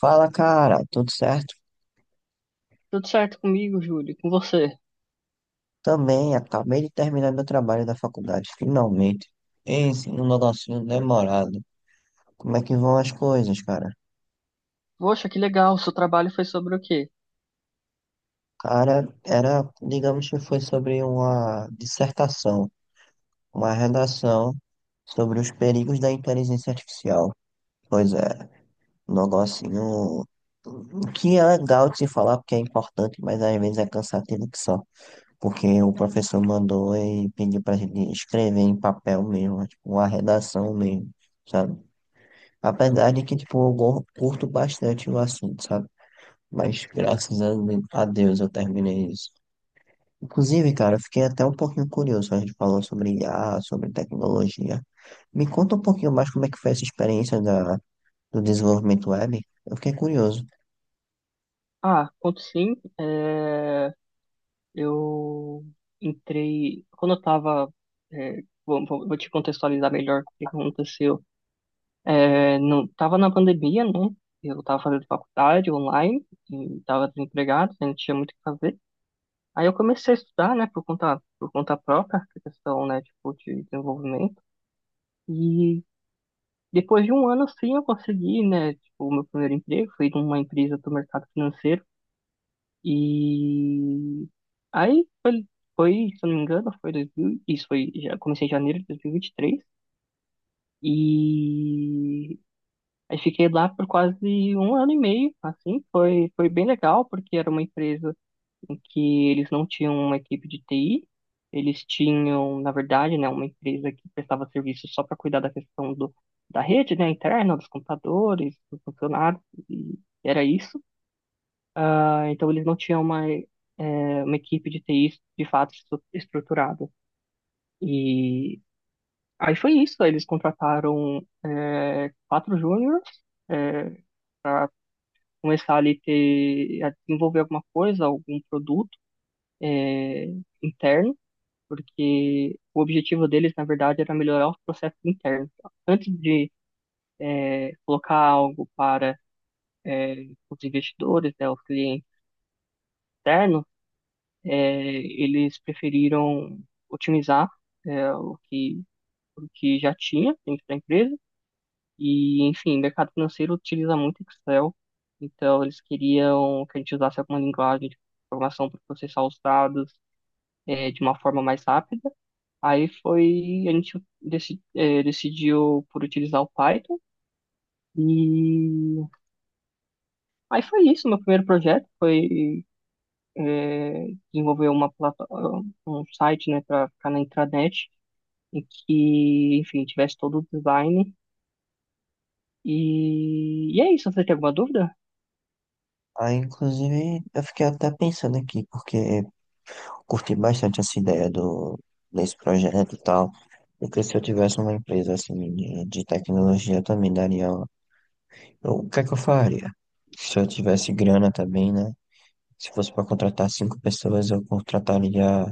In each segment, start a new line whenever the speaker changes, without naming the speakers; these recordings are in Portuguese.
Fala, cara, tudo certo?
Tudo certo comigo, Júlio, com você?
Também, acabei de terminar meu trabalho da faculdade, finalmente. Esse, um negocinho demorado. Como é que vão as coisas, cara?
Poxa, que legal, seu trabalho foi sobre o quê?
Cara, era, digamos que foi sobre uma dissertação, uma redação sobre os perigos da inteligência artificial. Pois é, um negocinho que é legal de se falar porque é importante, mas às vezes é cansativo que só. Porque o professor mandou e pediu pra gente escrever em papel mesmo, tipo, uma redação mesmo, sabe? Apesar de que, tipo, eu curto bastante o assunto, sabe? Mas graças a Deus eu terminei isso. Inclusive, cara, eu fiquei até um pouquinho curioso. A gente falou sobre IA, sobre tecnologia. Me conta um pouquinho mais como é que foi essa experiência do desenvolvimento web. Eu fiquei curioso.
Ah, conto sim, eu entrei, quando eu tava, é, vou, vou- vou te contextualizar melhor o que aconteceu. Não, tava na pandemia, né, eu tava fazendo faculdade online, e tava desempregado, né? Não tinha muito o que fazer, aí eu comecei a estudar, né, por conta própria, essa questão, né, tipo, de desenvolvimento, e depois de um ano, sim, eu consegui, né? Tipo, o meu primeiro emprego foi numa empresa do mercado financeiro. E aí se eu não me engano, foi 2000, isso foi, já comecei em janeiro de 2023. E vinte e três. E aí fiquei lá por quase um ano e meio, assim, foi bem legal, porque era uma empresa em que eles não tinham uma equipe de TI. Eles tinham, na verdade, né, uma empresa que prestava serviço só para cuidar da questão do, da rede, né, interna, dos computadores, dos funcionários, e era isso. Ah, então, eles não tinham uma, uma equipe de TI de fato estruturada. E aí foi isso, eles contrataram quatro júniores para começar a desenvolver alguma coisa, algum produto eh, interno. Porque o objetivo deles, na verdade, era melhorar os processos internos. Antes de colocar algo para é, os investidores, né, os clientes externos, é, eles preferiram otimizar é, o que, o que já tinha dentro da empresa. E, enfim, o mercado financeiro utiliza muito Excel, então eles queriam que a gente usasse alguma linguagem de programação para processar os dados de uma forma mais rápida. A gente decidiu por utilizar o Python, e aí foi isso, meu primeiro projeto foi eh, desenvolver um site, né, para ficar na intranet e que, enfim, tivesse todo o design. E, e é isso, você tem alguma dúvida?
Aí, inclusive, eu fiquei até pensando aqui, porque curti bastante essa ideia desse projeto e tal. Porque se eu tivesse uma empresa assim de tecnologia, eu também daria. O que é que eu faria? Se eu tivesse grana também, né? Se fosse para contratar cinco pessoas, eu contrataria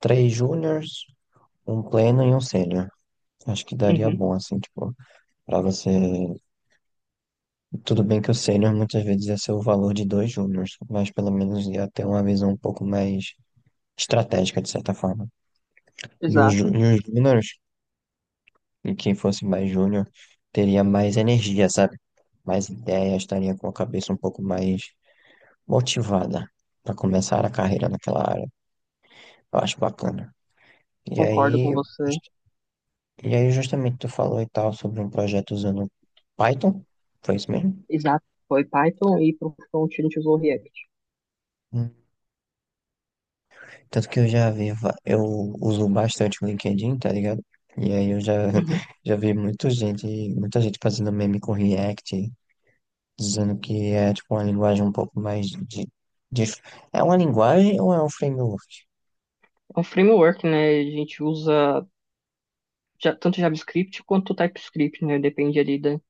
três júniors, um pleno e um sênior. Acho que daria
Uhum,
bom, assim, tipo, para você. Tudo bem que o sênior muitas vezes ia ser o valor de dois júniors, mas pelo menos ia ter uma visão um pouco mais estratégica, de certa forma. E os, ju-
exato,
e os júniors. E quem fosse mais júnior teria mais energia, sabe? Mais ideia, estaria com a cabeça um pouco mais motivada para começar a carreira naquela área. Eu acho bacana. E
concordo
aí,
com você,
just- justamente tu falou e tal sobre um projeto usando Python, foi isso mesmo?
exato, foi Python e para o front a gente usou React.
Hum. Tanto que eu já vi, va- eu uso bastante o LinkedIn, tá ligado? E aí eu
Uhum.
já vi muita gente, fazendo meme com React, dizendo que é tipo uma linguagem um pouco mais de- É uma linguagem ou é um framework?
É um framework, né, a gente usa tanto JavaScript quanto TypeScript, né? Depende ali da,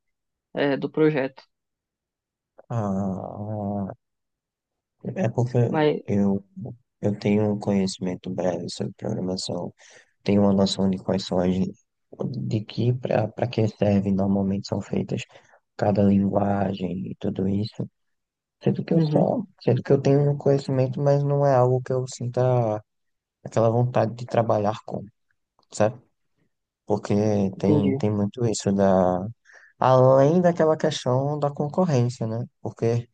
do projeto.
Ah, é porque
Mas,
eu, eu tenho um conhecimento breve sobre programação, tenho uma noção de quais são as, de que para que servem normalmente são feitas cada linguagem e tudo isso. Sendo que eu
uhum,
só, sendo que eu tenho um conhecimento, mas não é algo que eu sinta aquela vontade de trabalhar com, sabe? Porque tem,
entendi.
tem muito isso da Além daquela questão da concorrência, né? Porque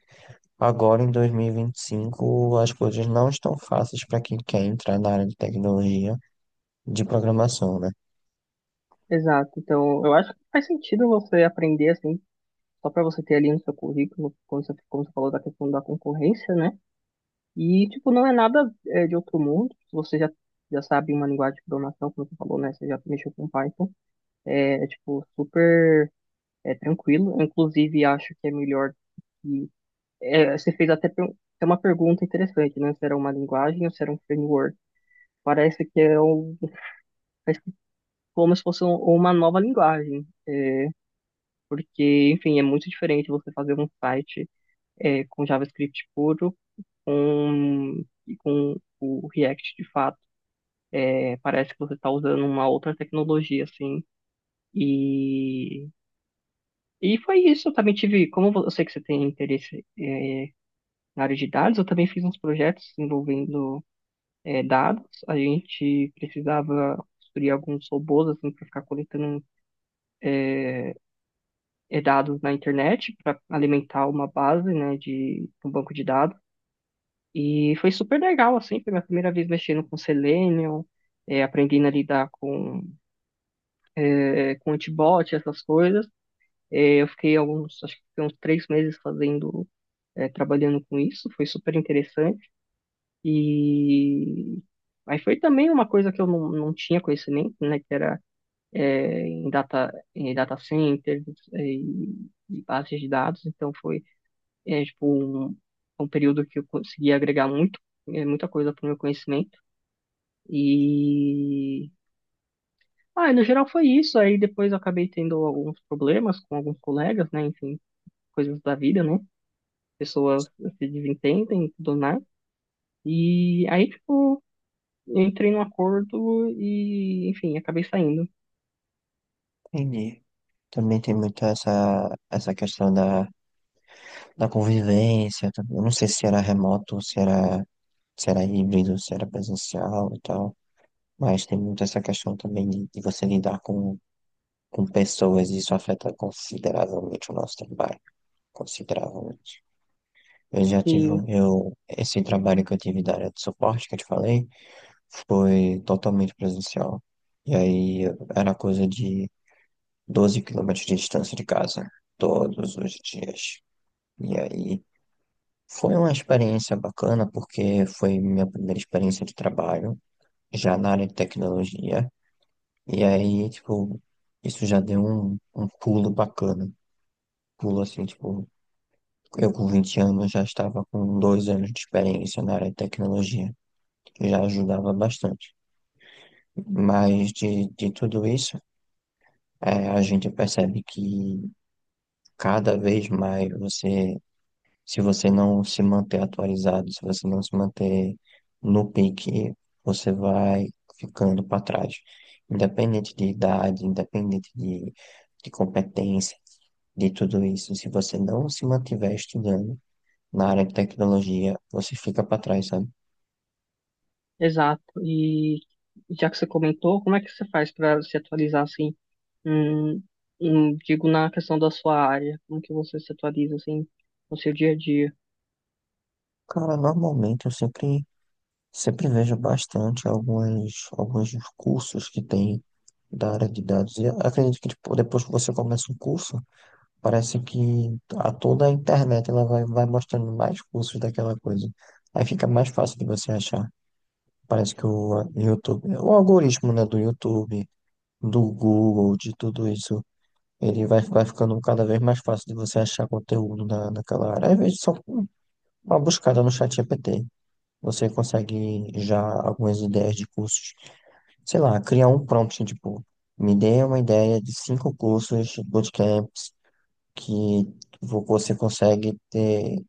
agora em 2025 as coisas não estão fáceis para quem quer entrar na área de tecnologia de programação, né?
Exato. Então, eu acho que faz sentido você aprender assim, só para você ter ali no seu currículo, quando você, como você falou da questão da concorrência, né? E, tipo, não é nada de outro mundo. Se você já sabe uma linguagem de programação, como você falou, né? Você já mexeu com Python. Tipo, super tranquilo. Inclusive, acho que é melhor. Que é, você fez até até uma pergunta interessante, né? Se era uma linguagem ou se era um framework. Parece que é um- Parece que é como se fosse uma nova linguagem, porque, enfim, é muito diferente você fazer um site com JavaScript puro e com o React de fato. É, parece que você está usando uma outra tecnologia, assim. E, e foi isso. Eu também tive, como eu sei que você tem interesse na área de dados, eu também fiz uns projetos envolvendo dados. A gente precisava construir alguns robôs assim para ficar coletando dados na internet para alimentar uma base, né, de um banco de dados. E foi super legal assim, foi minha primeira vez mexendo com Selenium, aprendendo a lidar com com antibot, essas coisas. Eu fiquei acho que fiquei uns três meses trabalhando com isso, foi super interessante. E aí foi também uma coisa que eu não tinha conhecimento, né? Que era em data centers e bases de dados. Então foi tipo um, um período que eu consegui agregar muita coisa para o meu conhecimento. E ah, no geral foi isso. Aí depois eu acabei tendo alguns problemas com alguns colegas, né? Enfim, coisas da vida, né? Pessoas se desentendem e tudo mais. E aí, tipo, eu entrei num acordo e, enfim, acabei saindo.
Entendi. Também tem muito essa questão da convivência. Tá? Eu não sei se era remoto, se era híbrido, se era presencial e tal. Mas tem muito essa questão também de você lidar com pessoas e isso afeta consideravelmente o nosso trabalho. Consideravelmente. Eu já tive,
E
um- eu, esse trabalho que eu tive da área de suporte que eu te falei foi totalmente presencial. E aí era coisa de 12 quilômetros de distância de casa, todos os dias. E aí foi uma experiência bacana porque foi minha primeira experiência de trabalho, já na área de tecnologia. E aí, tipo, isso já deu um pulo bacana. Pulo assim, tipo, eu com 20 anos já estava com 2 anos de experiência na área de tecnologia, que já ajudava bastante. Mas de tudo isso, é, a gente percebe que cada vez mais você, se você não se manter atualizado, se você não se manter no pique, você vai ficando para trás. Independente de idade, independente de competência, de tudo isso, se você não se mantiver estudando na área de tecnologia, você fica para trás, sabe?
exato. E já que você comentou, como é que você faz para se atualizar assim? Hum, Digo na questão da sua área, como que você se atualiza assim no seu dia a dia?
Cara, normalmente eu sempre vejo bastante alguns cursos que tem da área de dados. E acredito que tipo, depois que você começa um curso, parece que a toda a internet ela vai mostrando mais cursos daquela coisa. Aí fica mais fácil de você achar. Parece que o YouTube, o algoritmo, né, do YouTube, do Google, de tudo isso, ele vai ficando cada vez mais fácil de você achar conteúdo na, naquela área. Às vezes só com uma buscada no chat GPT. Você consegue já algumas ideias de cursos, sei lá, criar um prompt, assim, tipo, me dê uma ideia de cinco cursos, bootcamps, que você consegue ter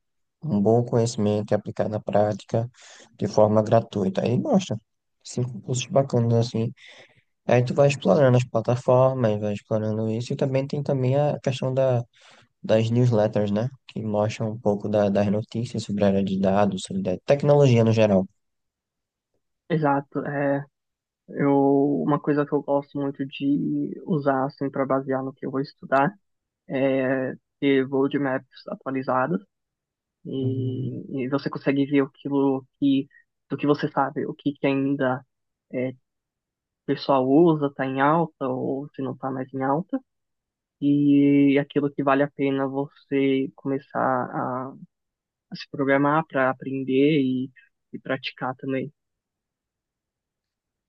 um bom conhecimento e aplicar na prática de forma gratuita. Aí mostra cinco cursos bacanas assim. Aí tu vai explorando as plataformas, vai explorando isso, e também tem também a questão das newsletters, né? Que mostram um pouco das notícias sobre a área de dados, sobre a tecnologia no geral.
Exato. Eu, uma coisa que eu gosto muito de usar assim para basear no que eu vou estudar é ter roadmaps atualizadas,
Hum,
e você consegue ver aquilo que do que você sabe, o que que ainda é, o pessoal usa, está em alta ou se não está mais em alta. E aquilo que vale a pena você começar a se programar para aprender e praticar também.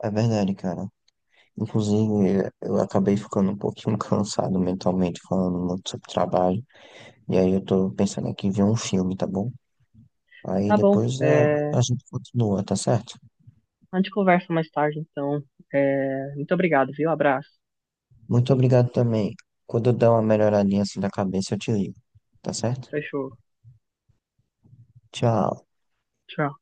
É verdade, cara. Inclusive, eu acabei ficando um pouquinho cansado mentalmente falando muito sobre trabalho. E aí eu tô pensando aqui em ver um filme, tá bom? Aí
Tá bom,
depois a,
é,
a gente continua, tá certo?
a gente conversa mais tarde, então. É, muito obrigado, viu? Abraço.
Muito obrigado também. Quando eu der uma melhoradinha assim da cabeça, eu te ligo, tá certo?
Fechou.
Tchau.
Tchau.